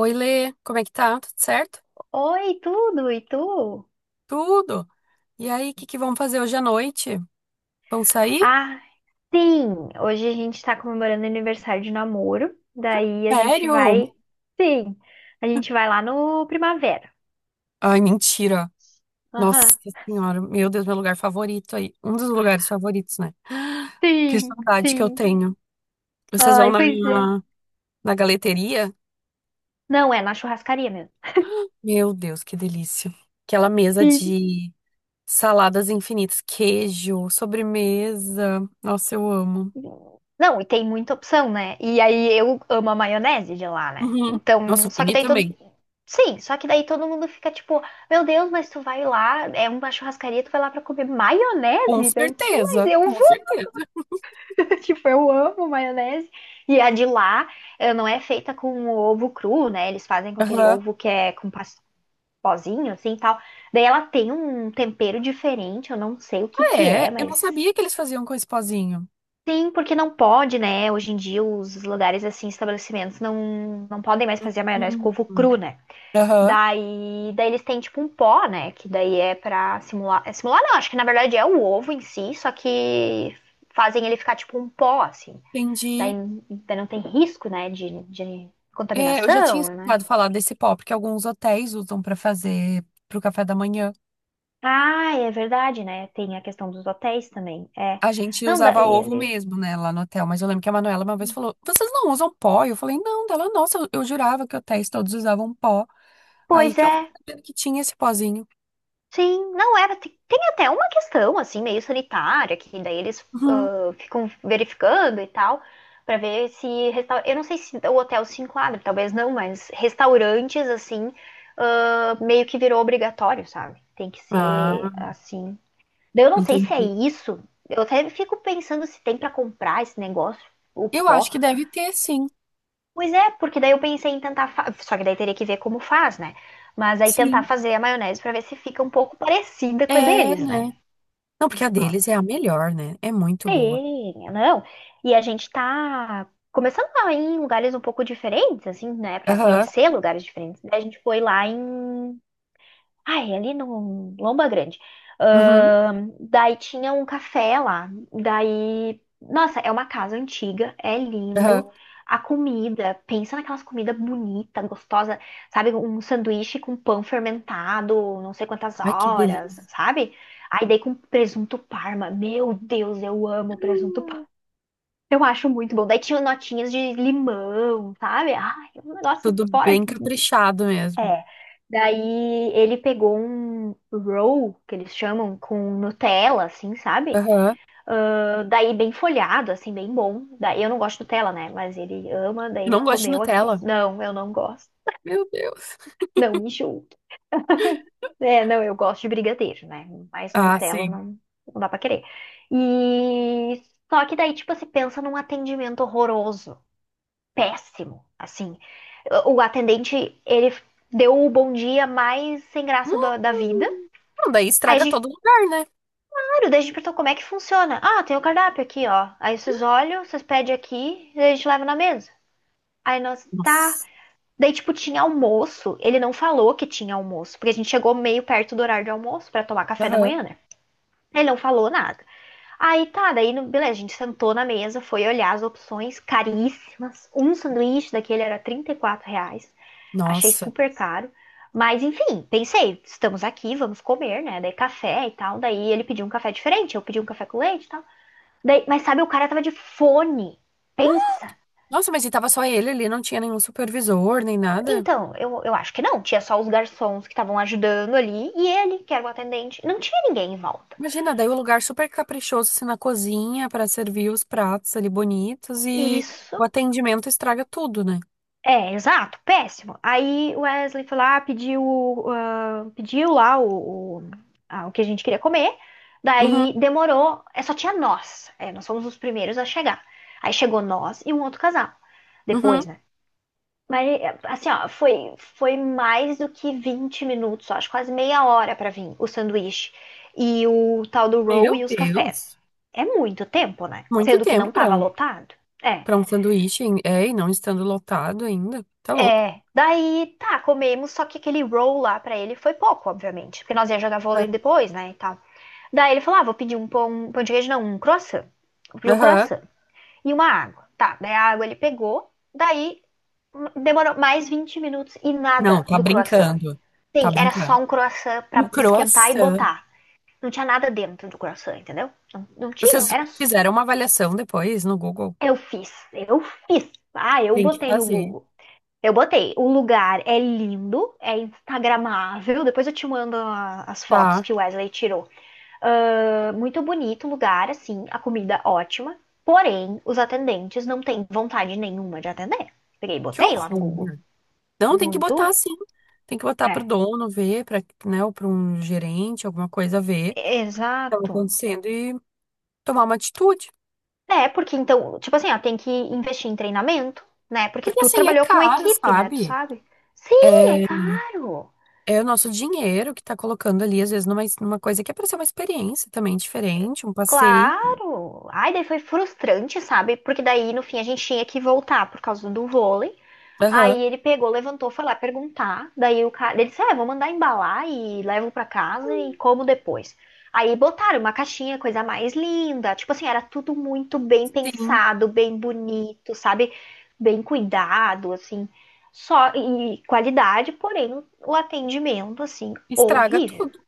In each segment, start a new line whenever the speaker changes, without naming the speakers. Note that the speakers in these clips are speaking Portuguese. Oi, Lê, como é que tá? Tudo certo?
Oi, tudo? E tu?
Tudo. E aí, o que que vão fazer hoje à noite? Vão sair?
Ah, sim! Hoje a gente tá comemorando o aniversário de namoro. Daí a gente
Sério?
vai. Sim! A gente vai lá no Primavera.
Ai, mentira. Nossa
Aham.
Senhora, meu Deus, meu lugar favorito aí. Um dos lugares favoritos, né? Que
Sim,
saudade que eu
sim.
tenho. Vocês vão
Ai, pois é.
na galeteria?
Não, é na churrascaria mesmo.
Meu Deus, que delícia. Aquela mesa
Sim.
de saladas infinitas, queijo, sobremesa. Nossa, eu amo.
Não, e tem muita opção, né? E aí eu amo a maionese de lá, né?
Uhum. Nossa,
Então,
o
só que
Pini
daí todo.
também.
Sim, só que daí todo mundo fica tipo, meu Deus, mas tu vai lá, é uma churrascaria, tu vai lá pra comer
Com
maionese? Daí eu disse, mas
certeza,
eu
com
vou.
certeza.
Tipo, eu amo maionese. E a de lá não é feita com ovo cru, né? Eles fazem com aquele
Aham.
ovo que é com pozinho, assim, tal. Daí ela tem um tempero diferente, eu não sei o que que é,
É, eu não
mas...
sabia que eles faziam com esse pozinho.
Sim, porque não pode, né? Hoje em dia os lugares, assim, estabelecimentos não podem mais fazer a maionese com ovo
Hum.
cru, né?
Aham,
Daí eles têm, tipo, um pó, né? Que daí é pra simular... é simular não, acho que na verdade é o ovo em si, só que fazem ele ficar, tipo, um pó, assim. Daí,
entendi.
não tem risco, né, de
É, eu já tinha
contaminação, né?
escutado falar desse pó, porque alguns hotéis usam pra fazer pro café da manhã.
Ah, é verdade, né? Tem a questão dos hotéis também. É.
A gente
Não,
usava
daí
ovo
ele.
mesmo, né, lá no hotel. Mas eu lembro que a Manuela uma vez falou: Vocês não usam pó? Eu falei: Não, dela, nossa, eu jurava que hotéis todos usavam pó. Aí
Pois
que eu fiquei
é,
sabendo que tinha esse pozinho.
sim, não era. Tem até uma questão, assim, meio sanitária, que daí eles
Uhum.
ficam verificando e tal, pra ver se. Resta... Eu não sei se o hotel se enquadra, talvez não, mas restaurantes, assim, ah, meio que virou obrigatório, sabe? Tem que ser,
Ah,
assim, daí eu não sei se é
entendi.
isso. Eu até fico pensando se tem pra comprar esse negócio, o
Eu acho
pó.
que deve ter, sim.
Pois é, porque daí eu pensei em tentar. Só que daí teria que ver como faz, né? Mas aí tentar
Sim.
fazer a maionese pra ver se fica um pouco parecida com a
É,
deles, né?
né? Não, porque a
Porque, nossa.
deles é a melhor, né? É muito boa.
Sim, não. E a gente tá começando a ir em lugares um pouco diferentes, assim, né? Pra
Aham.
conhecer lugares diferentes. Daí a gente foi lá em Ai, ali no Lomba Grande.
Uhum.
Daí tinha um café lá. Daí, nossa, é uma casa antiga, é lindo.
Aham.
A comida, pensa naquelas comidas bonitas, gostosa, sabe? Um sanduíche com pão fermentado, não sei quantas
Ai, que
horas,
delícia.
sabe? Aí daí com presunto parma. Meu Deus, eu amo presunto
Ah,
parma. Eu acho muito bom. Daí tinha notinhas de limão, sabe? Ai, um negócio
tudo
fora
bem caprichado mesmo.
é. Daí ele pegou um roll, que eles chamam, com Nutella, assim, sabe?
Aham.
Ah, daí bem folhado, assim, bem bom. Daí eu não gosto de Nutella, né? Mas ele ama, daí
Eu
ele
não gosto de
comeu aqui.
Nutella.
Não, eu não gosto.
Meu Deus.
Não, me julgue. É, não, eu gosto de brigadeiro, né? Mas
Ah,
Nutella
sim.
não, não dá pra querer. E só que daí, tipo, se pensa num atendimento horroroso, péssimo, assim. O atendente, ele deu o bom dia mais sem graça da vida.
Hum. Não, daí
Aí a
estraga todo
gente
lugar, né?
claro, daí a gente perguntou como é que funciona. Ah, tem o cardápio aqui, ó. Aí vocês olham, vocês pedem aqui, e a gente leva na mesa. Aí nós, tá.
Nossa.
Daí, tipo, tinha almoço. Ele não falou que tinha almoço, porque a gente chegou meio perto do horário de almoço pra tomar café da manhã,
Aham.
né? Ele não falou nada. Aí tá, daí, beleza, a gente sentou na mesa, foi olhar as opções caríssimas. Um sanduíche daquele era R$ 34. Achei
Nossa.
super caro. Mas enfim, pensei, estamos aqui, vamos comer, né? Daí café e tal. Daí ele pediu um café diferente, eu pedi um café com leite e tal. Mas sabe, o cara tava de fone. Pensa.
Nossa, mas e tava só ele ali, não tinha nenhum supervisor, nem nada.
Então, eu acho que não. Tinha só os garçons que estavam ajudando ali e ele, que era o atendente. Não tinha ninguém em volta.
Imagina, daí o lugar super caprichoso, assim, na cozinha, pra servir os pratos ali bonitos e
Isso.
o atendimento estraga tudo, né?
É, exato, péssimo. Aí o Wesley foi lá, pediu lá o que a gente queria comer.
Uhum,
Daí demorou, é, só tinha nós. É, nós fomos os primeiros a chegar. Aí chegou nós e um outro casal.
uhum.
Depois, né? Mas, assim, ó, foi mais do que 20 minutos, ó, acho quase meia hora pra vir o sanduíche e o tal do roll
Meu
e os cafés.
Deus.
É muito tempo, né?
Muito
Sendo que
tempo
não
pra.
tava lotado. É,
Pra um sanduíche, hein? É, e não estando lotado ainda. Tá louco.
é. Daí, tá, comemos, só que aquele roll lá pra ele foi pouco, obviamente, porque nós ia jogar
É.
vôlei depois, né, e tal. Daí ele falou, ah, vou pedir um pão de queijo, não, um croissant. Vou pedir um
Aham.
croissant e uma água. Tá, daí a água ele pegou, daí demorou mais 20 minutos e
Não,
nada
tá
do croissant.
brincando. Tá
Sim, era
brincando.
só um croissant
Um
pra esquentar e
croissant.
botar. Não tinha nada dentro do croissant, entendeu? Não, não tinha,
Vocês
era. S-
fizeram uma avaliação depois no Google?
Eu fiz, eu fiz. Ah, eu
Tem que
botei no
fazer.
Google. Eu botei. O lugar é lindo, é instagramável. Depois eu te mando as fotos
Tá.
que o Wesley tirou. Ah, muito bonito o lugar, assim, a comida ótima. Porém, os atendentes não têm vontade nenhuma de atender. Peguei e
Que
botei lá no Google.
horror. Não, tem que botar
Muito.
assim. Tem que botar pro
É,
dono ver, pra, né, ou pra um gerente, alguma coisa ver o que tava
exato.
acontecendo e tomar uma atitude.
É, porque então, tipo assim, ó, tem que investir em treinamento, né? Porque
Porque
tu
assim, é
trabalhou com
caro,
equipe, né? Tu
sabe?
sabe? Sim, é caro.
É o nosso dinheiro que tá colocando ali, às vezes, numa coisa que é pra ser uma experiência também diferente, um passeio.
Claro. Ai, daí foi frustrante, sabe? Porque daí, no fim, a gente tinha que voltar por causa do vôlei.
Aham.
Aí ele pegou, levantou, foi lá perguntar. Daí o cara, ele disse: É, vou mandar embalar e levo pra casa e como depois. Aí botaram uma caixinha, coisa mais linda. Tipo assim, era tudo muito bem
Sim.
pensado, bem bonito, sabe? Bem cuidado, assim. Só e qualidade, porém o atendimento, assim,
Estraga
horrível.
tudo,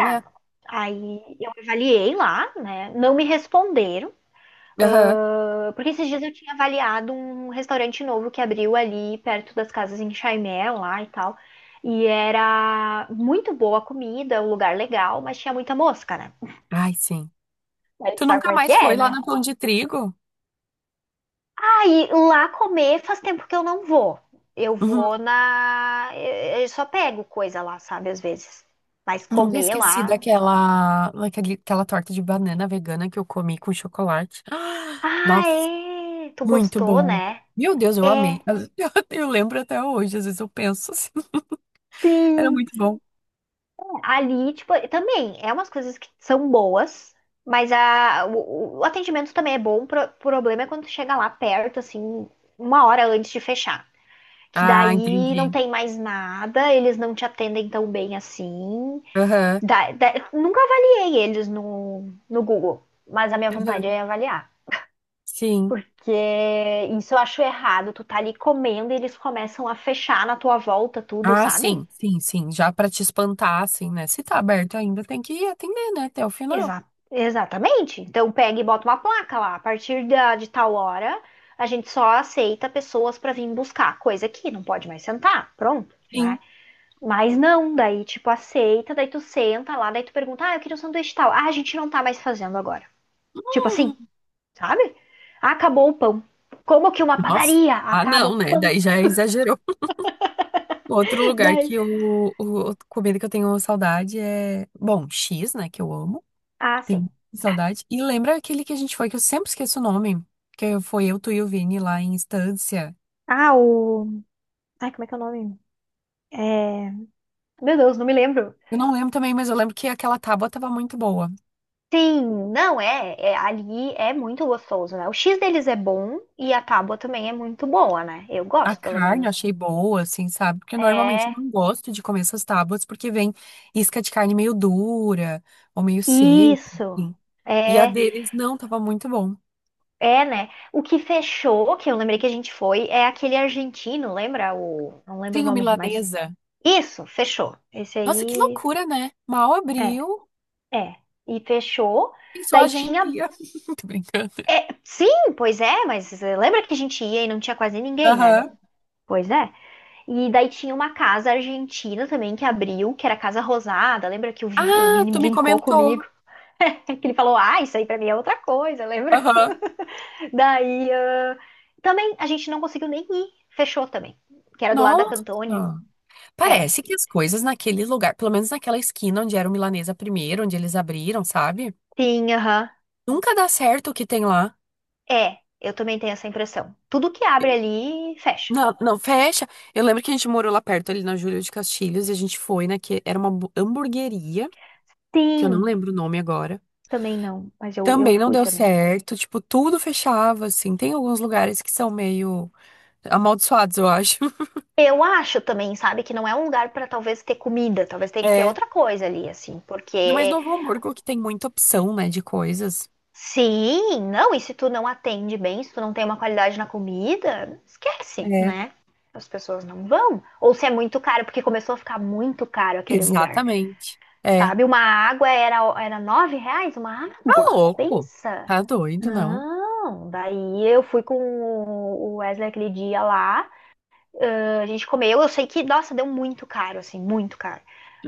né?
Aí eu avaliei lá, né? Não me responderam.
Aham.
Ah, porque esses dias eu tinha avaliado um restaurante novo que abriu ali perto das casas em Chaimel, lá e tal. E era muito boa a comida, um lugar legal, mas tinha muita mosca, né?
Ai, sim.
Aí
Tu
sabe
nunca
como é que
mais
é,
foi lá
né?
na Pão de Trigo?
Aí lá comer faz tempo que eu não vou. Eu
Uhum.
vou na. Eu só pego coisa lá, sabe, às vezes. Mas
Nunca
comer
esqueci
lá.
daquela, daquele- aquela torta de banana vegana que eu comi com chocolate. Ah,
Ah,
nossa,
é! Tu
muito
gostou,
boa.
né?
Meu Deus, eu amei.
É,
Eu lembro até hoje, às vezes eu penso assim. Era
sim!
muito bom.
Ali, tipo, também é umas coisas que são boas, mas a, o atendimento também é bom. O problema é quando tu chega lá perto, assim, uma hora antes de fechar. Que
Ah,
daí não
entendi.
tem mais nada, eles não te atendem tão bem assim.
Aham.
Nunca avaliei eles no, no Google, mas a minha vontade
Aham.
é avaliar.
Sim.
Porque isso eu acho errado. Tu tá ali comendo e eles começam a fechar na tua volta tudo,
Ah,
sabe?
sim, sim, sim. Já pra te espantar, assim, né? Se tá aberto ainda, tem que atender, né? Até o final.
Exa- exatamente. Então pega e bota uma placa lá. A partir da, de tal hora, a gente só aceita pessoas para vir buscar coisa que não pode mais sentar. Pronto,
Sim.
né? Mas não, daí tipo aceita, daí tu senta lá, daí tu pergunta: "Ah, eu queria um sanduíche tal". Ah, a gente não tá mais fazendo agora. Tipo assim, sabe? Acabou o pão. Como que uma
Nossa.
padaria
Ah,
acaba o
não, né?
pão?
Daí já exagerou. Outro lugar que
Daí...
eu, o, comida que eu tenho saudade é, bom, X, né, que eu amo.
Ah, sim.
Tenho saudade. E lembra aquele que a gente foi, que eu sempre esqueço o nome, que foi eu, tu e o Vini lá em Estância.
Ah, o. Ai, como é que é o nome? É... Meu Deus, não me lembro.
Eu não lembro também, mas eu lembro que aquela tábua tava muito boa.
Sim, não é, é- ali é muito gostoso, né? O X deles é bom e a tábua também é muito boa, né? Eu
A
gosto, pelo
carne eu
menos.
achei boa, assim, sabe? Porque normalmente eu
É,
não gosto de comer essas tábuas porque vem isca de carne meio dura ou meio seca,
isso.
assim. E a
É,
deles não, tava muito bom.
é, né? O que fechou, que eu lembrei que a gente foi, é aquele argentino, lembra o, não lembro o
Tem o
nome, mas
milanesa.
isso, fechou. Esse
Nossa, que
aí
loucura, né? Mal
é,
abriu,
é. E fechou.
pensou a
Daí
gente
tinha,
ia. Tô brincando.
é, sim, pois é, mas eh, lembra que a gente ia e não tinha quase ninguém, né?
Aham.
Pois é. E daí tinha uma casa argentina também que abriu, que era a Casa Rosada. Lembra que o
Ah,
Vini
tu me
brincou
comentou.
comigo? Que ele falou, ah, isso aí pra mim é outra coisa, lembra?
Aham.
Daí ah, também a gente não conseguiu nem ir, fechou também, que era do lado da
Nossa.
Cantone.
Ah.
É,
Parece que as coisas naquele lugar, pelo menos naquela esquina onde era o Milanesa primeiro, onde eles abriram, sabe?
sim, aham.
Nunca dá certo o que tem lá.
É, eu também tenho essa impressão. Tudo que abre ali, fecha.
Não, não, fecha. Eu lembro que a gente morou lá perto, ali na Júlio de Castilhos, e a gente foi, né? Que era uma hambu- hamburgueria, que eu não
Sim,
lembro o nome agora.
também não, mas eu
Também não
fui
deu
também.
certo, tipo, tudo fechava, assim. Tem alguns lugares que são meio. Amaldiçoados, eu acho.
Eu acho também, sabe, que não é um lugar pra talvez ter comida, talvez tenha que ter
É.
outra coisa ali, assim,
Ainda mais
porque
Novo Hamburgo, que tem muita opção, né, de coisas.
sim, não, e se tu não atende bem, se tu não tem uma qualidade na comida, esquece,
É.
né? As pessoas não vão. Ou se é muito caro, porque começou a ficar muito caro aquele lugar,
Exatamente. É. Tá
sabe? Uma água era, era R$ 9, uma água,
louco.
pensa.
Tá doido, não.
Não, daí eu fui com o Wesley aquele dia lá, a gente comeu, eu sei que, nossa, deu muito caro, assim, muito caro.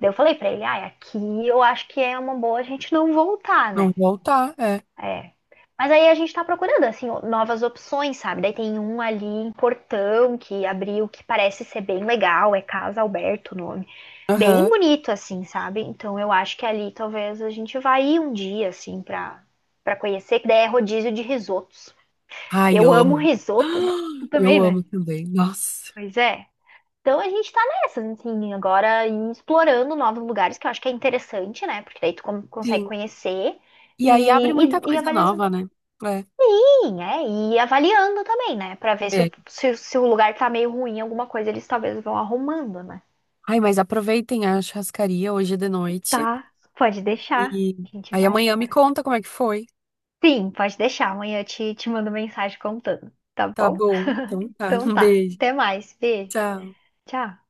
Daí eu falei pra ele, ai, aqui eu acho que é uma boa a gente não voltar,
Não
né?
voltar, é.
É. Mas aí a gente tá procurando, assim, novas opções, sabe? Daí tem um ali em Portão que abriu, que parece ser bem legal, é Casa Alberto o nome. Bem
Aham.
bonito, assim, sabe? Então eu acho que ali talvez a gente vá ir um dia, assim, pra, pra conhecer, que daí é rodízio de risotos.
Ai,
Eu
eu
amo
amo.
risoto, né? Tu também,
Eu
né?
amo também. Nossa.
Pois é. Então a gente tá nessas, assim, agora em explorando novos lugares, que eu acho que é interessante, né? Porque daí tu consegue
Sim.
conhecer.
E aí abre muita
E, e
coisa
avaliando
nova, né? É.
sim, é, e avaliando também, né? Pra ver se o,
É.
se, se o lugar tá meio ruim, alguma coisa eles talvez vão arrumando, né?
Ai, mas aproveitem a churrascaria hoje de noite.
Tá, pode deixar.
E
A gente
aí
vai.
amanhã me conta como é que foi.
Sim, pode deixar. Amanhã eu te mando mensagem contando, tá
Tá
bom?
bom. Então tá.
Então
Um
tá.
beijo.
Até mais. Beijo.
Tchau.
Tchau.